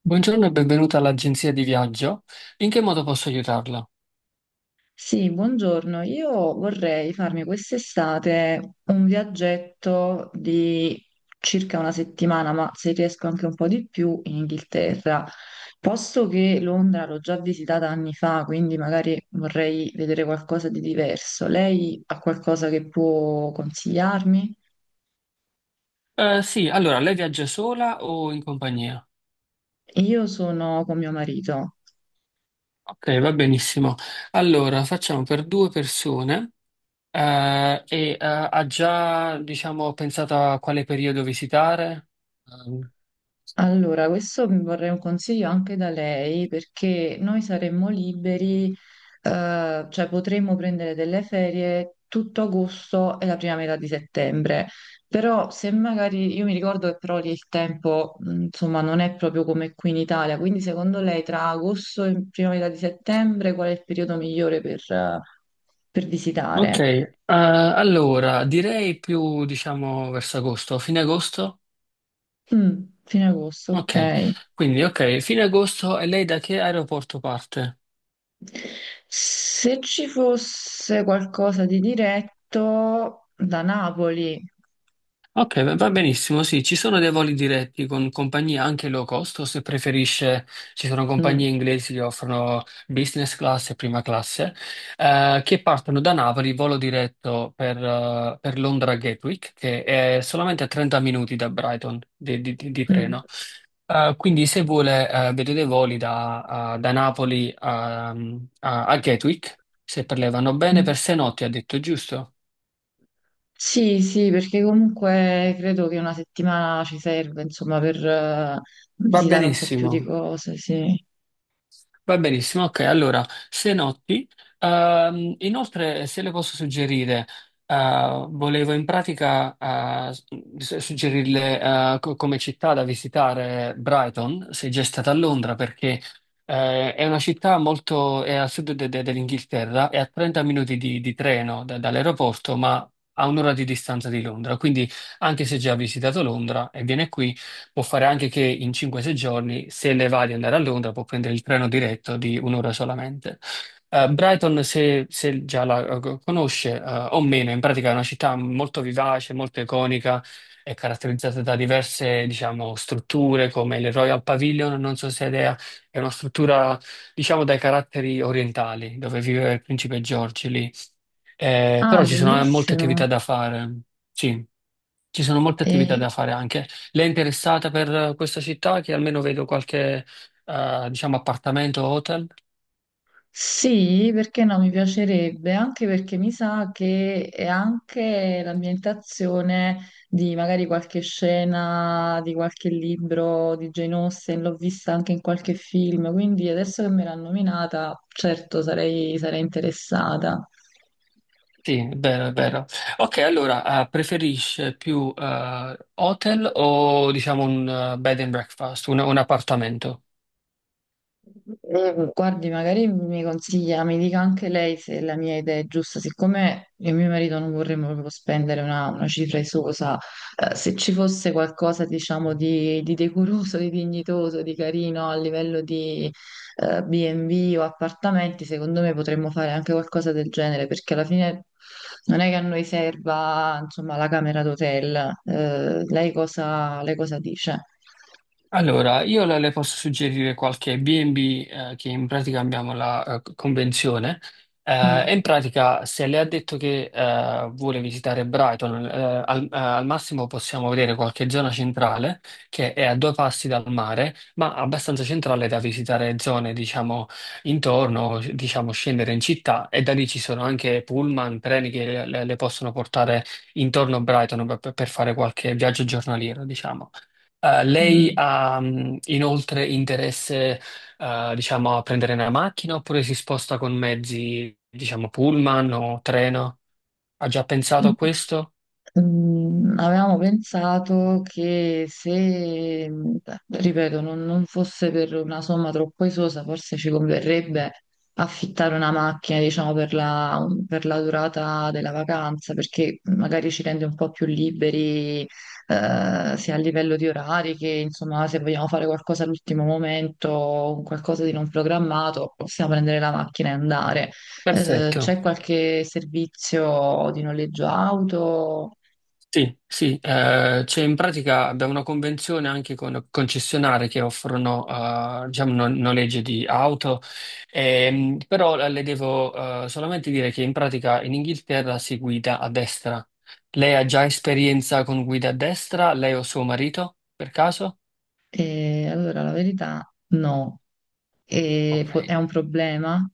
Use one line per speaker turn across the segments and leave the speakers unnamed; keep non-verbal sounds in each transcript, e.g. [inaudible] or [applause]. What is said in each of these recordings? Buongiorno e benvenuta all'agenzia di viaggio. In che modo posso aiutarla?
Sì, buongiorno. Io vorrei farmi quest'estate un viaggetto di circa una settimana, ma se riesco anche un po' di più in Inghilterra. Posto che Londra l'ho già visitata anni fa, quindi magari vorrei vedere qualcosa di diverso. Lei ha qualcosa che può consigliarmi?
Sì, allora, lei viaggia sola o in compagnia?
Io sono con mio marito.
Ok, va benissimo. Allora, facciamo per due persone ha già, diciamo, pensato a quale periodo visitare? Ehm,
Allora, questo mi vorrei un consiglio anche da lei perché noi saremmo liberi, cioè potremmo prendere delle ferie tutto agosto e la prima metà di settembre, però se magari, io mi ricordo che però lì il tempo, insomma, non è proprio come qui in Italia, quindi secondo lei tra agosto e prima metà di settembre qual è il periodo migliore per
ok,
visitare?
allora, direi più, diciamo, verso agosto, fine agosto?
Mm, fine agosto,
Ok,
ok.
quindi ok, fine agosto e lei da che aeroporto parte?
Se ci fosse qualcosa di diretto da Napoli.
Ok, va benissimo, sì, ci sono dei voli diretti con compagnie anche low cost, o se preferisce, ci sono
Mm,
compagnie inglesi che offrono business class e prima classe, che partono da Napoli, volo diretto per Londra Gatwick, che è solamente a 30 minuti da Brighton di
mm.
treno. Quindi se vuole, vedo dei voli da, da Napoli a, a Gatwick, se per lei vanno bene, per sei notti ha detto, giusto?
Sì, sì, perché comunque credo che una settimana ci serve, insomma, per
Va
visitare un po' più di
benissimo.
cose, sì.
Va benissimo, ok. Allora, se notti, inoltre se le posso suggerire, volevo in pratica suggerirle come città da visitare Brighton, se già è stata a Londra, perché è una città molto, è al sud dell'Inghilterra, è a 30 minuti di treno dall'aeroporto, ma a un'ora di distanza di Londra. Quindi, anche se già ha visitato Londra e viene qui, può fare anche che in 5-6 giorni, se ne va di andare a Londra, può prendere il treno diretto di un'ora solamente. Brighton, se già la conosce, o meno, in pratica è una città molto vivace, molto iconica, è caratterizzata da diverse, diciamo, strutture come il Royal Pavilion, non so se è idea, è una struttura, diciamo, dai caratteri orientali, dove viveva il principe George lì.
Ah,
Però ci sono molte
bellissimo.
attività da fare. Sì, ci sono molte attività
E,
da fare anche. Lei è interessata per questa città che almeno vedo qualche, diciamo, appartamento o hotel?
sì, perché no, mi piacerebbe, anche perché mi sa che è anche l'ambientazione di magari qualche scena di qualche libro di Jane Austen, l'ho vista anche in qualche film, quindi adesso che me l'ha nominata, certo sarei, sarei interessata.
Sì, è vero, è vero. Ok, allora, preferisce più hotel o diciamo un bed and breakfast, un appartamento?
Guardi, magari mi consiglia, mi dica anche lei se la mia idea è giusta, siccome io e mio marito non vorremmo proprio spendere una cifra esosa, se ci fosse qualcosa, diciamo, di decoroso, di dignitoso, di carino a livello di B&B o appartamenti, secondo me potremmo fare anche qualcosa del genere, perché alla fine non è che a noi serva, insomma, la camera d'hotel. Lei cosa dice?
Allora, io le posso suggerire qualche B&B che in pratica abbiamo la convenzione e
Mm,
in pratica se le ha detto che vuole visitare Brighton, al massimo possiamo vedere qualche zona centrale che è a due passi dal mare, ma abbastanza centrale da visitare zone, diciamo, intorno, diciamo, scendere in città e da lì ci sono anche pullman, treni che le possono portare intorno a Brighton per fare qualche viaggio giornaliero, diciamo. Lei
mm.
ha inoltre interesse, diciamo, a prendere una macchina oppure si sposta con mezzi, diciamo, pullman o treno? Ha già pensato a questo?
Mm, avevamo pensato che se, mm, ripeto, non, non fosse per una somma troppo esosa, forse ci converrebbe affittare una macchina, diciamo, per la durata della vacanza, perché magari ci rende un po' più liberi, sia a livello di orari che, insomma, se vogliamo fare qualcosa all'ultimo momento, qualcosa di non programmato, possiamo prendere la macchina e andare. C'è
Perfetto.
qualche servizio di noleggio auto?
Sì, sì, c'è in pratica abbiamo una convenzione anche con concessionari che offrono diciamo, noleggio di auto, però le devo solamente dire che in pratica in Inghilterra si guida a destra. Lei ha già esperienza con guida a destra, lei o suo marito, per caso?
Allora, la verità no,
Ok.
è un problema.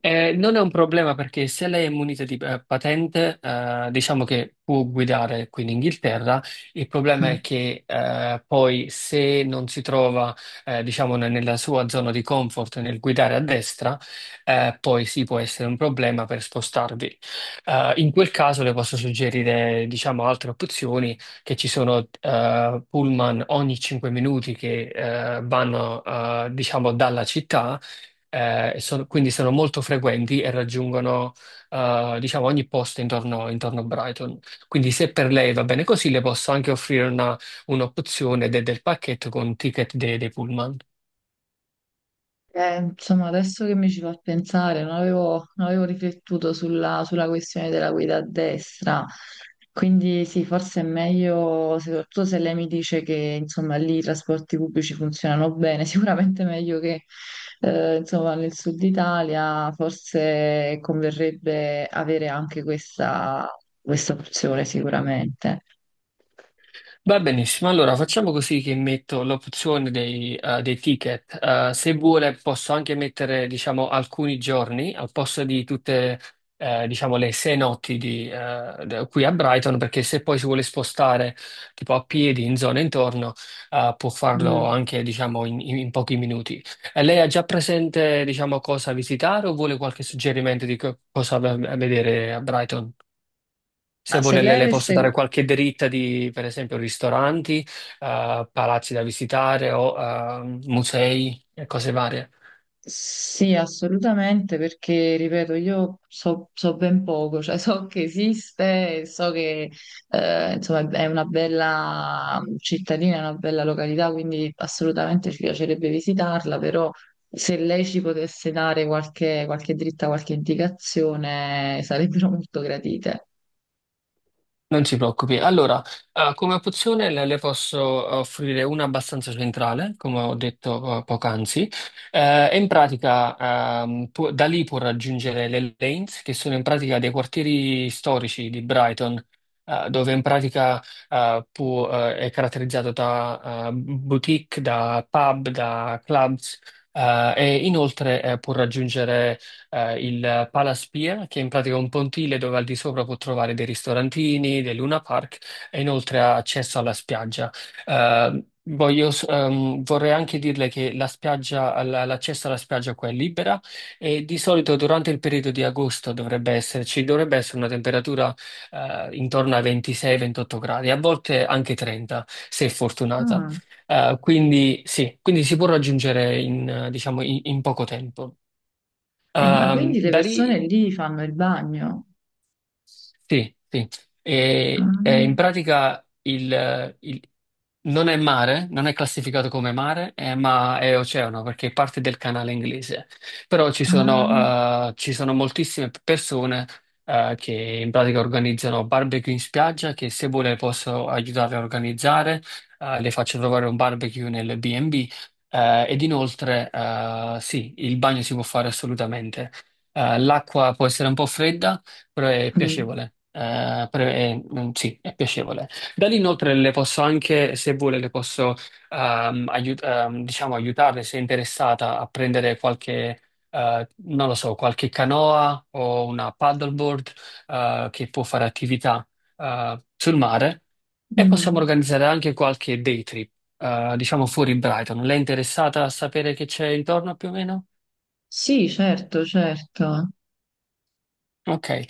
Non è un problema perché se lei è munita di patente, diciamo che può guidare qui in Inghilterra. Il problema è che poi se non si trova, diciamo, nella sua zona di comfort nel guidare a destra, poi sì può essere un problema per spostarvi. In quel caso le posso suggerire, diciamo, altre opzioni che ci sono pullman ogni 5 minuti che vanno, diciamo, dalla città quindi sono molto frequenti e raggiungono, diciamo, ogni posto intorno a Brighton. Quindi se per lei va bene così, le posso anche offrire un'opzione del pacchetto con ticket dei pullman.
Insomma, adesso che mi ci fa pensare, non avevo, non avevo riflettuto sulla, sulla questione della guida a destra, quindi sì, forse è meglio, soprattutto se lei mi dice che insomma, lì i trasporti pubblici funzionano bene, [laughs] sicuramente meglio che insomma, nel sud Italia, forse converrebbe avere anche questa opzione, sicuramente.
Va benissimo, allora facciamo così che metto l'opzione dei ticket. Se vuole posso anche mettere, diciamo, alcuni giorni al posto di tutte, diciamo, le sei notti di, qui a Brighton, perché se poi si vuole spostare tipo a piedi in zone intorno, può farlo
Mm.
anche, diciamo, in pochi minuti. E lei ha già presente, diciamo, cosa visitare o vuole qualche suggerimento di cosa vedere a Brighton? Se
Ma se
vuole
lei
le posso
avesse...
dare qualche dritta di, per esempio, ristoranti, palazzi da visitare o musei e cose varie.
Sì, assolutamente, perché, ripeto, io so, so ben poco, cioè so che esiste, e so che insomma, è una bella cittadina, è una bella località, quindi assolutamente ci piacerebbe visitarla, però se lei ci potesse dare qualche, qualche dritta, qualche indicazione, sarebbero [laughs] molto gratite.
Non si preoccupi. Allora, come opzione le posso offrire una abbastanza centrale, come ho detto poc'anzi. Da lì può raggiungere le lanes, che sono in pratica dei quartieri storici di Brighton, dove in pratica è caratterizzato da boutique, da pub, da clubs, e inoltre può raggiungere il Palaspia, che in pratica è un pontile dove al di sopra può trovare dei ristorantini, dei Luna Park e inoltre ha accesso alla spiaggia. Eh, Vorrei anche dirle che l'accesso alla spiaggia qua è libera e di solito durante il periodo di agosto dovrebbe esserci, dovrebbe essere una temperatura intorno ai 26-28 gradi, a volte anche 30 se fortunata.
Ah,
Quindi sì, quindi si può raggiungere in, diciamo, in poco tempo.
ma quindi le
Da
persone
lì
lì fanno il bagno?
sì, sì.
Ah,
E in pratica non è mare, non è classificato come mare, ma è oceano perché è parte del canale inglese. Però
ah,
ci sono moltissime persone, che in pratica organizzano barbecue in spiaggia, che se vuole posso aiutarle a organizzare, le faccio trovare un barbecue nel B&B, ed inoltre, sì, il bagno si può fare assolutamente. L'acqua può essere un po' fredda però è
mm,
piacevole. Sì, è piacevole. Da lì inoltre le posso anche, se vuole, le posso diciamo, aiutarle se è interessata a prendere qualche, non lo so, qualche canoa o una paddleboard che può fare attività sul mare e possiamo
mm.
organizzare anche qualche day trip, diciamo fuori Brighton. Lei è interessata a sapere che c'è intorno più o meno?
Sì, certo, certo.
Ok.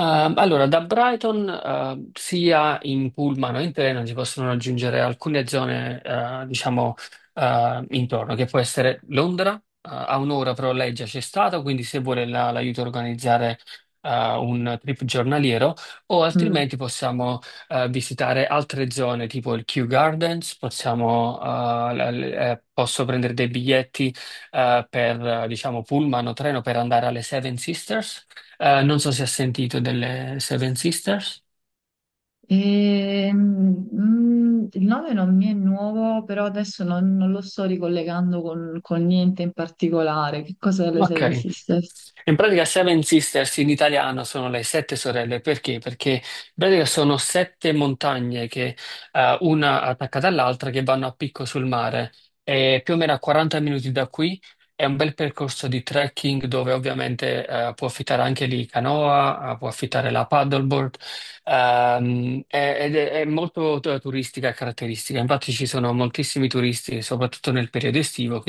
Allora da Brighton sia in pullman o in treno si possono raggiungere alcune zone, intorno, che può essere Londra, a un'ora però lei già c'è stata, quindi se vuole la- l'aiuto a organizzare eh, un trip giornaliero, o
Mm.
altrimenti possiamo visitare altre zone tipo il Kew Gardens, possiamo, posso prendere dei biglietti diciamo, pullman o treno per andare alle Seven Sisters non so se ha sentito delle Seven Sisters.
Mm, il nome non mi è nuovo, però adesso non, non lo sto ricollegando con niente in particolare. Che cosa le Seven
Ok.
Sisters?
In pratica Seven Sisters in italiano sono le sette sorelle, perché? Perché in pratica sono sette montagne che una attaccata all'altra che vanno a picco sul mare. E più o meno a 40 minuti da qui è un bel percorso di trekking dove ovviamente può affittare anche lì canoa, può affittare la paddleboard, ed è molto turistica e caratteristica. Infatti ci sono moltissimi turisti, soprattutto nel periodo estivo,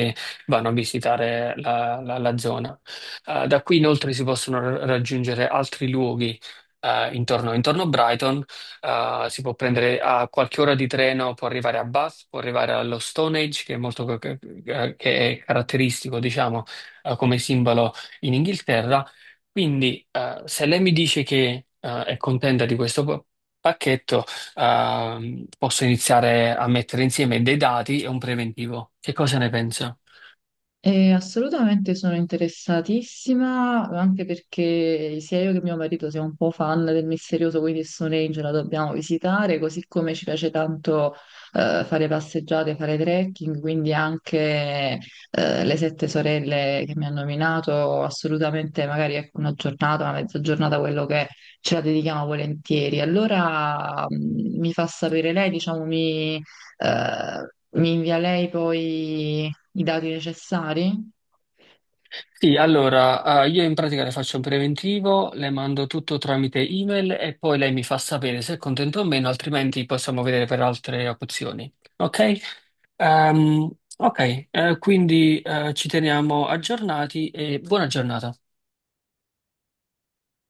vanno a visitare la zona. Da qui inoltre si possono raggiungere altri luoghi intorno a Brighton. Si può prendere a qualche ora di treno, può arrivare a Bath, può arrivare allo Stonehenge, che è molto che è caratteristico, diciamo, come simbolo in Inghilterra. Quindi, se lei mi dice che è contenta di questo pacchetto, posso iniziare a mettere insieme dei dati e un preventivo. Che cosa ne pensa?
Assolutamente sono interessatissima, anche perché sia io che mio marito siamo un po' fan del misterioso quindi Stone Age, la dobbiamo visitare, così come ci piace tanto fare passeggiate, fare trekking, quindi anche le sette sorelle che mi hanno nominato, assolutamente magari ecco, una giornata, una mezza giornata, quello che è, ce la dedichiamo volentieri. Allora mi fa sapere lei, diciamo, eh, mi invia lei poi i dati necessari?
Sì, allora, io in pratica le faccio un preventivo, le mando tutto tramite email e poi lei mi fa sapere se è contento o meno, altrimenti possiamo vedere per altre opzioni. Ok? Ehm, ok, quindi ci teniamo aggiornati e buona giornata.